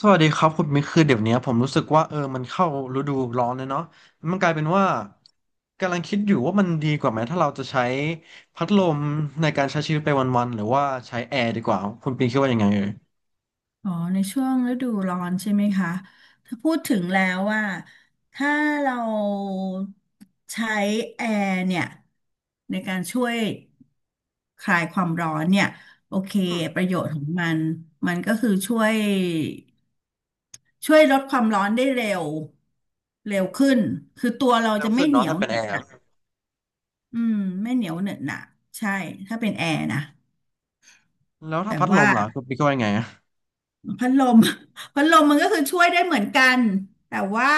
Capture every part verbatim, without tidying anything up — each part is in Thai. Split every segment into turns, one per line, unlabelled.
สวัสดีครับคุณมิกคือเดี๋ยวเนี้ยผมรู้สึกว่าเออมันเข้าฤดูร้อนเลยเนาะมันกลายเป็นว่ากำลังคิดอยู่ว่ามันดีกว่าไหมถ้าเราจะใช้พัดลมในการใช้ชีวิตไปวันๆหรือว่าใช้แอร์ดีกว่าคุณปิงคิดว่ายังไงเอ่ย
อ๋อในช่วงฤดูร้อนใช่ไหมคะถ้าพูดถึงแล้วว่าถ้าเราใช้แอร์เนี่ยในการช่วยคลายความร้อนเนี่ยโอเค
อืม
ประโยชน์ของมันมันก็คือช่วยช่วยลดความร้อนได้เร็วเร็วขึ้นคือตัวเรา
เร็
จะ
ว
ไม่
ขึ้น
เหนี
เนาะ
ยว
ถ้าเป็น
เหน
แอ
อะห
ร์
นะอืมไม่เหนียวเหนอะหนะใช่ถ้าเป็นแอร์นะ
แล้วถ้า
แต่
พัดล
ว่า
มล่ะคุณปิงคิดว่ายังไงอะ
พัดลม พัดลมมันก็คือช่วยได้เหมือนกันแต่ว่า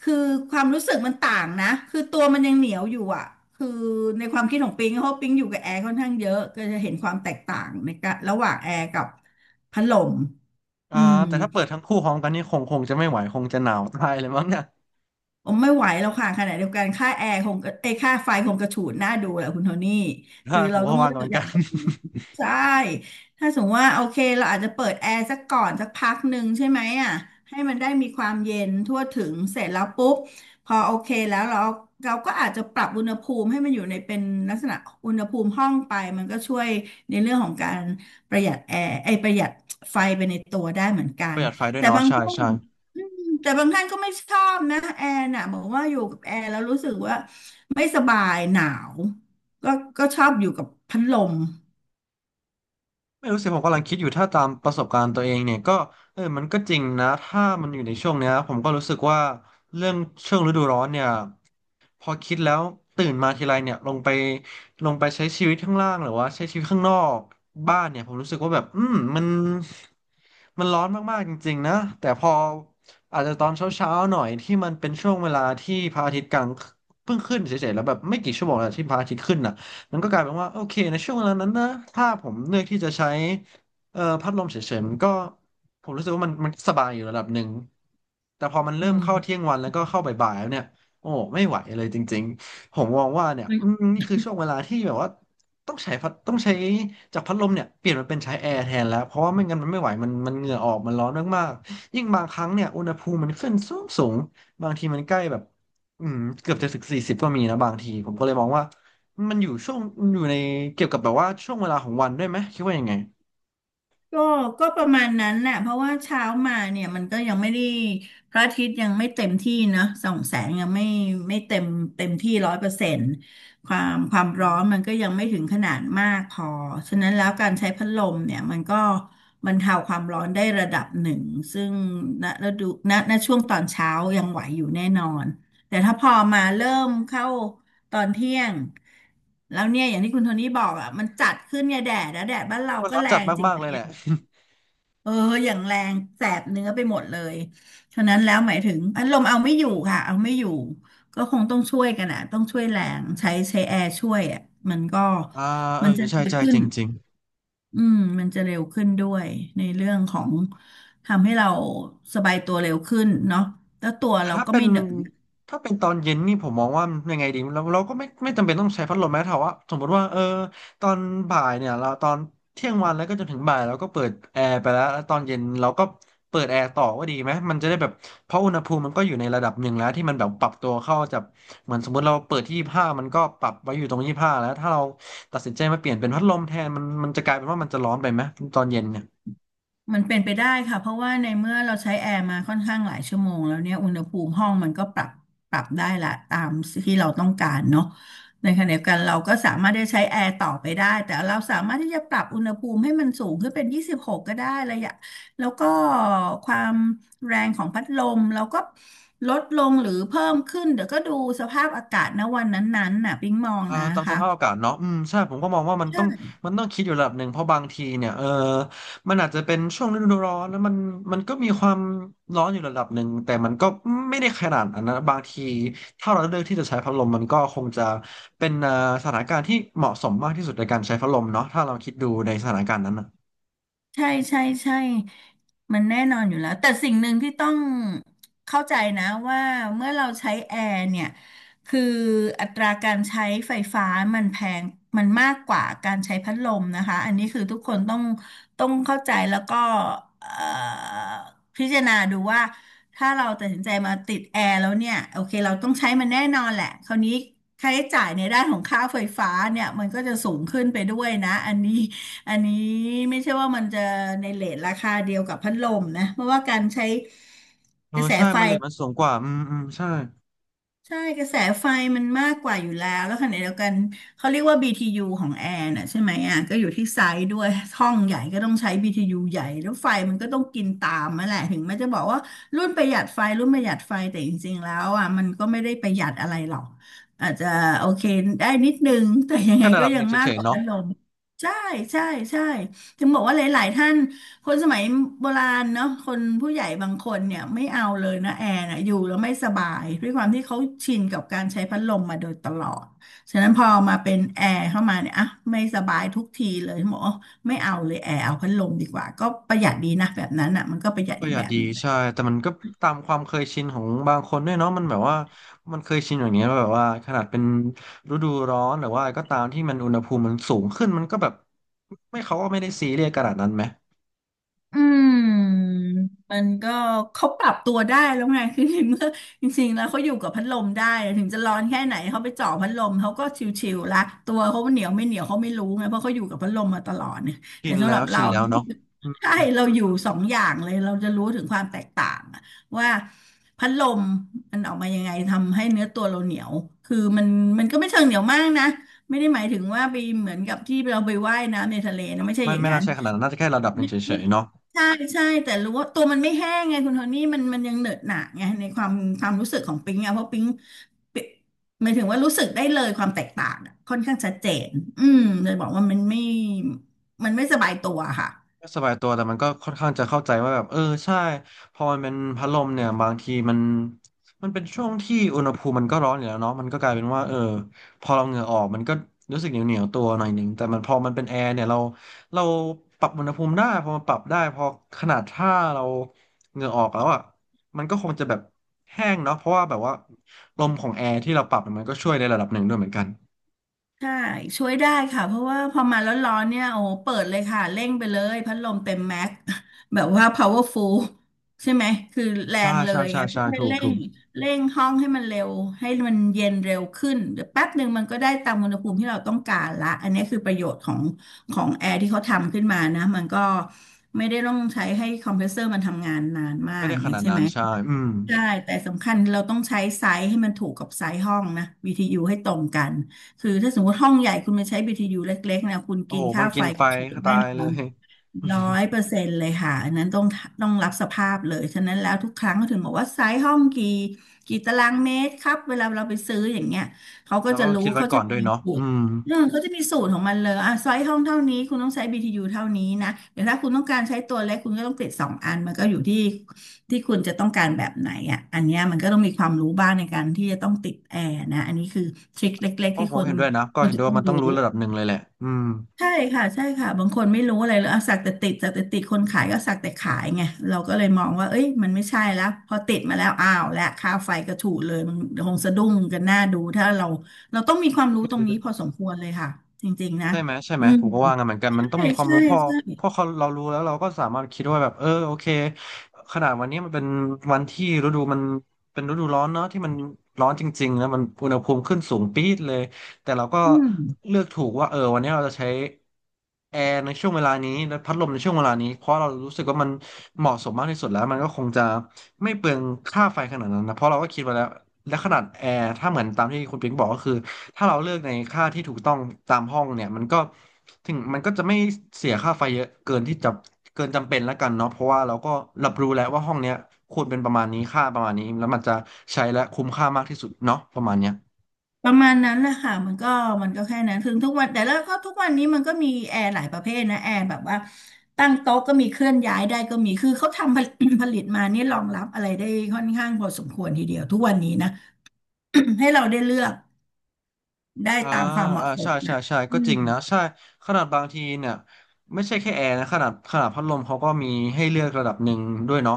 คือความรู้สึกมันต่างนะคือตัวมันยังเหนียวอยู่อ่ะคือในความคิดของปิงเพราะปิงอยู่กับแอร์ค่อนข้างเยอะก็จะเห็นความแตกต่างในการระหว่างแอร์กับพัดลม
อ่า
อืม
แต่ถ้าเปิดทั้งคู่พร้อมกันนี่คงคงจะไม่ไหวคงจะหนาวตายเลยมั้งเนี่ย
ผมไม่ไหวแล้วค่ะขณะเดียวกันค่าแอร์คงก็เอยค่าไฟคงกระฉูดน่าดูแหละคุณโทนี่
ใช่
คือ
ผ
เรา
มก็
ต้อง
วาง
เลื
กัน
อ
เห
ก
มือน
อ
กั
ย่าง
น
ไรดี ใช่ถ้าสมมติว่าโอเคเราอาจจะเปิดแอร์สักก่อนสักพักหนึ่งใช่ไหมอ่ะให้มันได้มีความเย็นทั่วถึงเสร็จแล้วปุ๊บพอโอเคแล้วเราเราก็อาจจะปรับอุณหภูมิให้มันอยู่ในเป็นลักษณะอุณหภูมิห้องไปมันก็ช่วยในเรื่องของการประหยัดแอร์ไอยประหยัดไฟไปในตัวได้เหมือนกั
ป
น
ระหยัดไฟด้วย
แต่
เนาะ
บาง
ใช่
ช่วง
ใช่
แต่บางท่านก็ไม่ชอบนะแอร์น่ะบอกว่าอยู่กับแอร์แล้วรู้สึกว่าไม่สบายหนาวก็ก็ชอบอยู่กับพัดลม
ไม่รู้สิผมกำลังคิดอยู่ถ้าตามประสบการณ์ตัวเองเนี่ยก็เออมันก็จริงนะถ้ามันอยู่ในช่วงเนี้ยผมก็รู้สึกว่าเรื่องช่วงฤดูร้อนเนี่ย พอคิดแล้วตื่นมาทีไรเนี่ยลงไปลงไปใช้ชีวิตข้างล่างหรือว่าใช้ชีวิตข้างนอกบ้านเนี่ยผมรู้สึกว่าแบบอืมมันมันร้อนมากๆจริงๆนะแต่พออาจจะตอนเช้าๆหน่อยที่มันเป็นช่วงเวลาที่พระอาทิตย์กลางเพิ่งขึ้นเฉยๆแล้วแบบไม่กี่ชั่วโมงแล้วที่พระอาทิตย์ขึ้นน่ะมันก็กลายเป็นว่าโอเคในช่วงเวลานั้นนะถ้าผมเลือกที่จะใช้เอ่อพัดลมเฉยๆมันก็ผมรู้สึกว่ามันมันสบายอยู่ระดับหนึ่งแต่พอมัน
อื
เริ่ม
ม
เข้าเที่ยงวันแล้วก็เข้าบ่ายๆแล้วเนี่ย โอ้ไม่ไหวเลยจริงๆผมมองว่าเนี่ยอืมนี่คือช่วงเวลาที่แบบว่าต้องใช้พัดต้องใช้จากพัดลมเนี่ยเปลี่ยนมาเป็นใช้แอร์แทนแล้วเพราะว่าไม่งั้นมันไม่ไหวมันมันเหงื่อออกมันร้อนมากๆยิ่งบางครั้งเนี่ยอุณหภูมิมันขึ้นสูงสูงบางทีมันใกล้แบบอืมเกือบจะถึงสี่สิบก็มีนะบางทีผมก็เลยมองว่ามันอยู่ช่วงอยู่ในเกี่ยวกับแบบว่าช่วงเวลาของวันด้วยไหมคิดว่ายังไง
ก็ก็ประมาณนั้นแหละเพราะว่าเช้ามาเนี่ยมันก็ยังไม่ได้พระอาทิตย์ยังไม่เต็มที่นะส่องแสงยังไม่ไม่เต็มเต็มที่ร้อยเปอร์เซ็นต์ความความร้อนมันก็ยังไม่ถึงขนาดมากพอฉะนั้นแล้วการใช้พัดลมเนี่ยมันก็บรรเทาความร้อนได้ระดับหนึ่งซึ่งณฤดูณณช่วงตอนเช้ายังไหวอยู่แน่นอนแต่ถ้าพอมาเริ่มเข้าตอนเที่ยงแล้วเนี่ยอย่างที่คุณโทนี่บอกอ่ะมันจัดขึ้นเนี่ยแดดนะแดดบ้านเรา
ก็
ก็
ร้อน
แร
จัด
งจริง
มาก
ไห
ๆ
ม
เลยแหละ
เอออย่างแรงแสบเนื้อไปหมดเลยฉะนั้นแล้วหมายถึงพัดลมเอาไม่อยู่ค่ะเอาไม่อยู่ก็คงต้องช่วยกันอ่ะต้องช่วยแรงใช้ใช้แอร์ช่วยอ่ะมันก็
อ่าเออ
มันจะ
ใช่
เร็ว
ใช่
ขึ้
จ
น
ริง
อืมมันจะเร็วขึ้นด้วยในเรื่องของทำให้เราสบายตัวเร็วขึ้นเนาะแล้วตัว
แต่
เรา
ถ้า
ก็
เป็น
ไม่เหนอะ
ถ้าเป็นตอนเย็นนี่ผมมองว่ายังไงดีเราเราก็ไม่ไม่จำเป็นต้องใช้พัดลมแม้แต่ว่าสมมติว่าเออตอนบ่ายเนี่ยเราตอนเที่ยงวันแล้วก็จนถึงบ่ายเราก็เปิดแอร์ไปแล้วแล้วตอนเย็นเราก็เปิดแอร์ต่อว่าดีไหมมันจะได้แบบเพราะอุณหภูมิมันก็อยู่ในระดับหนึ่งแล้วที่มันแบบปรับตัวเข้าจากเหมือนสมมติเราเปิดที่ยี่สิบห้ามันก็ปรับไว้อยู่ตรงยี่สิบห้าแล้วถ้าเราตัดสินใจมาเปลี่ยนเป็นพัดลมแทนมันมันจะกลายเป็นว่ามันจะร้อนไปไหมตอนเย็นเนี่ย
มันเป็นไปได้ค่ะเพราะว่าในเมื่อเราใช้แอร์มาค่อนข้างหลายชั่วโมงแล้วเนี่ยอุณหภูมิห้องมันก็ปรับปรับได้ละตามที่เราต้องการเนาะในขณะเดียวกันเราก็สามารถได้ใช้แอร์ต่อไปได้แต่เราสามารถที่จะปรับอุณหภูมิให้มันสูงขึ้นเป็นยี่สิบหกกก็ได้ระยะแล้วก็ความแรงของพัดลมเราก็ลดลงหรือเพิ่มขึ้นเดี๋ยวก็ดูสภาพอากาศณวันนั้นๆน่ะปิ๊งมอง
อ่า
นะ
ตามส
คะ
ภาพอากาศเนาะอืมใช่ผมก็มองว่ามัน
ใช่
ต้องมันต้องคิดอยู่ระดับหนึ่งเพราะบางทีเนี่ยเออมันอาจจะเป็นช่วงฤดูร้อนแล้วมันมันก็มีความร้อนอยู่ระดับหนึ่งแต่มันก็ไม่ได้ขนาดนั้นนะบางทีถ้าเราเลือกที่จะใช้พัดลมมันก็คงจะเป็นอ่อสถานการณ์ที่เหมาะสมมากที่สุดในการใช้พัดลมเนาะถ้าเราคิดดูในสถานการณ์นั้นนะ
ใช่ใช่ใช่มันแน่นอนอยู่แล้วแต่สิ่งหนึ่งที่ต้องเข้าใจนะว่าเมื่อเราใช้แอร์เนี่ยคืออัตราการใช้ไฟฟ้ามันแพงมันมากกว่าการใช้พัดลมนะคะอันนี้คือทุกคนต้องต้องเข้าใจแล้วก็เอ่อพิจารณาดูว่าถ้าเราตัดสินใจมาติดแอร์แล้วเนี่ยโอเคเราต้องใช้มันแน่นอนแหละคราวนี้ค่าใช้จ่ายในด้านของค่าไฟฟ้าเนี่ยมันก็จะสูงขึ้นไปด้วยนะอันนี้ อันนี้ไม่ใช่ว่ามันจะในเรทราคาเดียวกับพัดลมนะเพราะว่าการใช้
เอ
ก
อ
ระแส
ใช่
ไฟ
มันเลยมันสูงกว่าอืมอืมใช่
ใช่กระแสไฟมันมากกว่าอยู่แล้วแล้วขณะเดียวกันเขาเรียกว่า b t ูของแอร์น่ะใช่ไหมอ่ะก็อยู่ที่ไซส์ด้วยห้องใหญ่ก็ต้องใช้ บี ที ยู ใหญ่แล้วไฟมันก็ต้องกินตามมาแหละถึงแม้จะบอกว่ารุ่นประหยัดไฟรุ่นประหยัดไฟแต่จริงๆแล้วอ่ะมันก็ไม่ได้ประหยัดอะไรหรอกอาจจะโอเคได้นิดนึงแต่ยัง
แค่
ไง
ระ
ก็
ดับห
ยั
นึ่
ง
ง
มา
เฉ
กก
ยๆ
ว่า
เนาะ
พัดลมใช่ใช่ใช่ถึงบอกว่าหลายๆท่าน คนสมัยโบราณเนาะคนผู้ใหญ่บางคนเนี่ยไม่เอาเลยนะแอร์นะอยู่แล้วไม่สบายด้วยความที่เขาชินกับการใช้พัดลมมาโดยตลอดฉะนั้นพอมาเป็นแอร์เข้ามาเนี่ยอ่ะไม่สบายทุกทีเลยหมอกว่าไม่เอาเลยแอร์เอาพัดลมดีกว่าก็ประหยัดดีนะแบบนั้นอ่ะมันก็ประหยัด
ป
อี
ระ
ก
หยั
แบ
ด
บ
ดี
หนึงแหละ
ใช่แต่มันก็ตามความเคยชินของบางคนด้วยเนาะมันแบบว่ามันเคยชินอย่างเงี้ยแบบว่าขนาดเป็นฤดูร้อนหรือว่าอะไรก็ตามที่มันอุณหภูมิมันสูงขึ้นมันก็แบบไม่เขาก็ไม่ได้ซีเรียสขนาดนั้นไหม
อืมมันก็เขาปรับตัวได้แล้วไง คือในเมื่อจริงๆแล้วเขาอยู่กับพัดลมได้ถึงจะร้อนแค่ไหนเขาไปเจ่อพัดลมเขาก็ชิวๆละตัวเขาเหนียวไม่เหนียวเขาไม่รู้ไงเพราะเขาอยู่กับพัดลมมาตลอดเนี่ย
ชิ
แต่
น
สำห
แล้
รั
ว
บ
ชิ
เรา
นแล้วเนาะอื
ใช่
ม
เราอยู่สองอย่างเลยเราจะรู้ถึงความแตกต่างอะว่าพัดลมมันออกมายังไงทำให้เนื้อตัวเราเหนียวคือมันมันก็ไม่เชิงเหนียวมากนะไม่ได้หมายถึงว่าไปเหมือนกับที่เราไปว่ายน้ำในทะเลนะไม่ใช่
มั
อ
น
ย่าง
ไม่
นั้
น่า
น
ใช่ขนาดนั้นน่าจะแค่ระดับหนึ่
ไม่
งเฉ
ไม่
ยๆเนาะ
ใช่ใช่แต่รู้ว่าตัวมันไม่แห้งไงคุณโทนี่มันมันยังเหนอะหนะไงในความความรู้สึกของปิ๊งอะเพราะปิ๊งปิ๊งหมายถึงว่ารู้สึกได้เลยความแตกต่างอะค่อนข้างชัดเจนอืมเลยบอกว่ามันไม่มันไม่สบายตัวค่ะ
ก็สบายตัวแต่มันก็ค่อนข้างจะเข้าใจว่าแบบเออใช่พอมันเป็นพัดลมเนี่ยบางทีมันมันเป็นช่วงที่อุณหภูมิมันก็ร้อนอยู่แล้วเนาะมันก็กลายเป็นว่าเออพอเราเหงื่อออกมันก็รู้สึกเหนียวเหนียวตัวหน่อยหนึ่งแต่มันพอมันเป็นแอร์เนี่ยเราเราปรับอุณหภูมิได้พอมันปรับได้พอขนาดถ้าเราเหงื่อออกแล้วอ่ะมันก็คงจะแบบแห้งเนาะเพราะว่าแบบว่าลมของแอร์ที่เราปรับเนี่ยมันก็ช่วยในระดับหนึ่งด้วยเหมือนกัน
ใช่ช่วยได้ค่ะเพราะว่าพอมาร้อนๆเนี่ยโอ้โหเปิดเลยค่ะเร่งไปเลยพัดลมเต็มแม็กซ์ แบบว่า powerful ใช่ไหมคือแร
ใช่
งเล
ใช่
ยไง
ใช่
เพื่
ใช่
อให้
ถูก
เร่
ถู
ง
ก
เร่งห้องให้มันเร็วให้มันเย็นเร็วขึ้นเดี๋ยวแป๊บหนึ่งมันก็ได้ตามอุณหภูมิที่เราต้องการละอันนี้คือประโยชน์ของของแอร์ที่เขาทำขึ้นมานะมันก็ไม่ได้ต้องใช้ให้คอมเพรสเซอร์มันทำงานนานมา
ไม่
กอ
ได้
ย่าง
ข
เงี้ย
นาด
ใช่
นั้
ไห
น
ม
ใช่อืม
ใช่ แต่สำคัญเราต้องใช้ไซส์ให้มันถูกกับไซส์ห้องนะ บี ที ยู ให้ตรงกัน คือถ้าสมมติห้องใหญ่คุณมาใช้ บี ที ยู เล็กๆนะคุณ
โอ้
กิ
โห
น
มั
ค่า
นกิ
ไฟ
นไฟ
กับฉุด
ก็
แน่
ตาย
น
เล
อ
ย
น ร้อ ยเปอร์เซ็นต์เลยค่ะอันนั้นต้องต้องรับสภาพเลยฉะนั้นแล้วทุกครั้งเขาถึงบอกว่าไซส์ห้องกี่กี่ตารางเมตรครับเวลาเราไปซื้ออย่างเงี้ยเขาก็
แล้ว
จะ
ก็
รู้
คิดไว้
เขาจะ
ก่อน
มี
ด้วยเนาะ
สูต
อื
ร
ม
เออเขาจะมีสูตรของมันเลยอ่ะไซส์ห้องเท่านี้คุณต้องใช้ บี ที ยู เท่านี้นะเดี๋ยวถ้าคุณต้องการใช้ตัวเล็กคุณก็ต้องติดสองอันมันก็อยู่ที่ที่คุณจะต้องการแบบไหนอ่ะอันเนี้ยมันก็ต้องมีความรู้บ้างในการที่จะต้องติดแอร์นะอันนี้คือทริคเล็ก
ก็
ๆที่
ผ
ค
ม
น
เห็นด้วยนะ ก็
ควร
เห็นด้
จะ
วย
ต้อ
ว่า
ง
มันต้อ
รู้
งรู้ระดับหนึ่งเลยแหละอืม
ใช่ค่ะใช่ค่ะบางคนไม่รู้อะไรเลยอะสักแต่ติดสักแต่ติดคนขายก็สักแต่ขายไงเราก็เลยมองว่าเอ้ยมันไม่ใช่แล้วพอติดมาแล้วอ้าวและค่าไฟก็ถูกเลยมันคงสะดุ้งกันหน้าดูถ้าเราเราต้องมีความรู้ตรงนี้พอสมควรเลยค่ะจริงๆนะ
ใช่ไหมใช่ไห
อื
ม
ม
ผมก็ว่างั้นเหมือนกันมั
ใช่
นต้องมีความ
ใช่
รู้พอ
ใช่
พอเขาเรารู้แล้วเราก็สามารถคิดว่าแบบเออโอเคขนาดวันนี้มันเป็นวันที่ฤดูมันเป็นฤดูร้อนเนาะที่มันร้อนจริงๆแล้วมันอุณหภูมิขึ้นสูงปี๊ดเลยแต่เราก็
อืม
เลือกถูกว่าเออวันนี้เราจะใช้แอร์ในช่วงเวลานี้และพัดลมในช่วงเวลานี้เพราะเรารู้สึกว่ามันเหมาะสมมากที่สุดแล้วมันก็คงจะไม่เปลืองค่าไฟขนาดนั้นนะเพราะเราก็คิดไว้แล้วและขนาดแอร์ถ้าเหมือนตามที่คุณปิ๊งบอกก็คือ ถ้าเราเลือกในค่าที่ถูกต้องตามห้องเนี่ยมันก็ถึงมันก็จะไม่เสียค่าไฟเยอะเกินที่จะเกินจำเป็นแล้วกันเนาะเพราะว่าเราก็รับรู้แล้วว่าห้องเนี้ยควรเป็นประมาณนี้ค่าประมาณนี้แล้วมันจะใช้และคุ้มค่ามากที่สุดเนาะประมาณเนี้ย
ประมาณนั้นแหละค่ะมันก็มันก็แค่นั้นถึงทุกวันแต่แล้วก็ทุกวันนี้มันก็มีแอร์หลายประเภทนะแอร์แบบว่าตั้งโต๊ะก็มีเคลื่อนย้ายได้ก็มีคือเขาทำผลิต ผลิตมานี่รองรับอะไรได้ค่อนข้างพอสมควรทีเดียวทุกวันนี้นะ ให้เราได้เลือกได้
อ่า
ตามความเห
อ่า
มาะส
ใช่
ม
ใช่
นะ
ใช่
อื
ก็จ
ม
ริงนะใช่ขนาดบางทีเนี่ยไม่ใช่แค่แอร์นะขนาดขนาดพัดลมเขาก็มีให้เลือกระดับหนึ่งด้วยเนาะ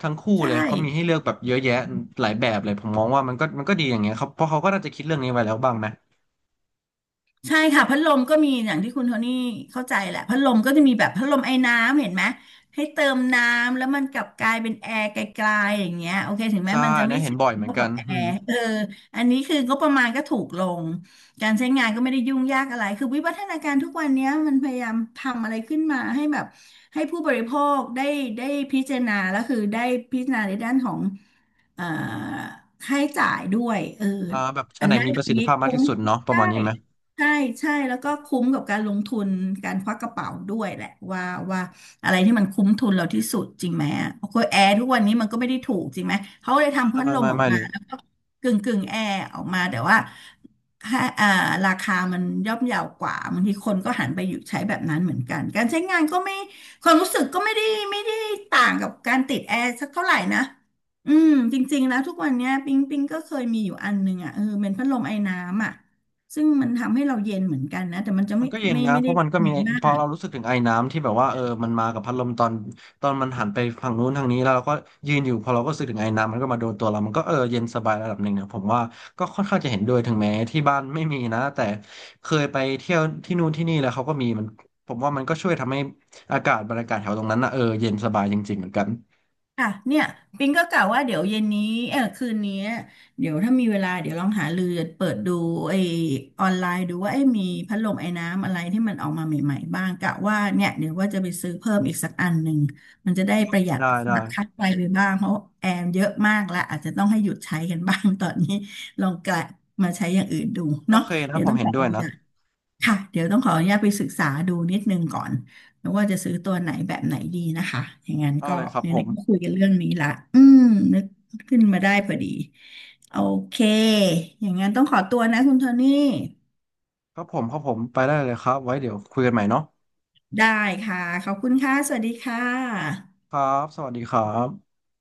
ทั้งคู่
ใช่
เลยเขามีให้เลือกแบบเยอะแยะหลายแบบเลยผมมองว่ามันก็มันก็ดีอย่างเงี้ยครับเพราะเขาก็น่าจะคิดเรื่องนี้ไว้แล้วบ้างไหม
ใช่ค่ะพัดลมก็มีอย่างที่คุณโทนี่เข้าใจแหละพัดลมก็จะมีแบบพัดลมไอ้น้ำเห็นไหมให้เติมน้ำแล้วมันกลับกลายเป็นแอร์ไกลๆอย่างเงี้ยโอเคถึงแม้
ใช่
มันจะ
อัน
ไม่
นะเห็
ใช่
นบ่อยเหมือน
เท่า
กั
กับ
น
แอ
อืม
ร์เอออันนี้คืองบประมาณก็ถูกลงการใช้งานก็ไม่ได้ยุ่งยากอะไรคือวิวัฒนาการทุกวันเนี้ยมันพยายามทำอะไรขึ้นมาให้แบบให้ผู้บริโภคได้ได้พิจารณาแล้วคือได้พิจารณาในด้านของเอ่อค่าใช้จ่ายด้วยเออ
อ่าแบบอั
อั
น
น
ไหน
นั้น
มีประ
อั
สิ
น
ทธิ
นี้
ภาพมาก
คุ้ม
ที่สุดเนาะประ
ได้
มาณนี้ไหม
ใช่ใช่แล้วก็คุ้มกับการลงทุนการควักกระเป๋าด้วยแหละว่าว่าอะไรที่มันคุ้มทุนเราที่สุดจริงไหมอ่ะโอ้โหแอร์ทุกวันนี้มันก็ไม่ได้ถูกจริงไหมเขาเลยทำพัด
ไม่
ลม
ไม่
ออก
ไม่่
มา
เลย
แล้วก็กึ่งกึ่งแอร์ออกมาแต่ว่าค่าอ่าราคามันย่อมเยาวกว่าบางทีคนก็หันไปอยู่ใช้แบบนั้นเหมือนกันการใช้งานก็ไม่ความรู้สึกก็ไม่ได้ไม่ได้ต่างกับการติดแอร์สักเท่าไหร่นะอืมจริงๆแล้วทุกวันเนี้ยปิงปิงก็เคยมีอยู่อันหนึ่งอ่ะเออเป็นพัดลมไอน้ำอ่ะ ซึ่งมันทำให้เราเย็นเหมือนกันนะแต่มันจะ
มั
ไม่
นก็เย็น
ไม่
นะ
ไม่
เพ
ได้
ราะมันก็มี
เย็นมา
พอ
ก
เรารู้สึกถึงไอน้ำที่แบบว่าเออมันมากับพัดลมตอนตอนมันหันไปฝั่งนู้นทางนี้แล้วเราก็ยืนอยู่พอเราก็รู้สึกถึงไอน้ำมันก็มาโดนตัวเรามันก็เออเย็นสบายระดับหนึ่งเนี่ยผมว่าก็ค่อนข้างจะเห็นด้วยถึงแม้ที่บ้านไม่มีนะแต่เคยไปเที่ยวที่นู่นที่นี่แล้วเขาก็มีมันผมว่ามันก็ช่วยทำให้อากาศบรรยากาศแถวตรงนั้นนะเออเย็นสบายจริงๆเหมือนกัน
ค่ะเนี่ยปิงก็กะว่าเดี๋ยวเย็นนี้เออคืนนี้เดี๋ยวถ้ามีเวลาเดี๋ยวลองหาเรือเปิดดูไอออนไลน์ดูว่าไอยมีพัดลมไอน้ำอะไรที่มันออกมาใหม่ๆบ้างกะว่าเนี่ยเดี๋ยวว่าจะไปซื้อเพิ่มอีกสักอันหนึ่งมันจะได้ประหยัด
ได้ได้
ค่าไฟไปบ้างเพราะแอร์เยอะมากแล้วอาจจะต้องให้หยุดใช้กันบ้างตอนนี้ลองกะมาใช้อย่างอื่นดู
โอ
เนาะ
เคนะ
เดี๋ยว
ผ
ต้
ม
อง
เห็
ข
น
อ
ด้
อ
วย
นุ
นะ
ญาต ค่ะเดี๋ยวต้องขออนุญาตไปศึกษาดูนิดนึงก่อนว่าจะซื้อตัวไหนแบบไหนดีนะคะอย่างนั้น
เอา
ก็
เลยครับผ
ไหน
ม
ๆก็คุยกันเรื่องนี้ละอืมนึกขึ้นมาได้พอดีโอเคอย่างนั้นต้องขอตัวนะคุณโทนี่
ครับผม ครับผม ไปได้เลยครับ ไว้เดี๋ยวคุยกันใหม่เนาะ
ได้ค่ะขอบคุณค่ะสวัสดีค่ะ
ครับ สวัสดีครับ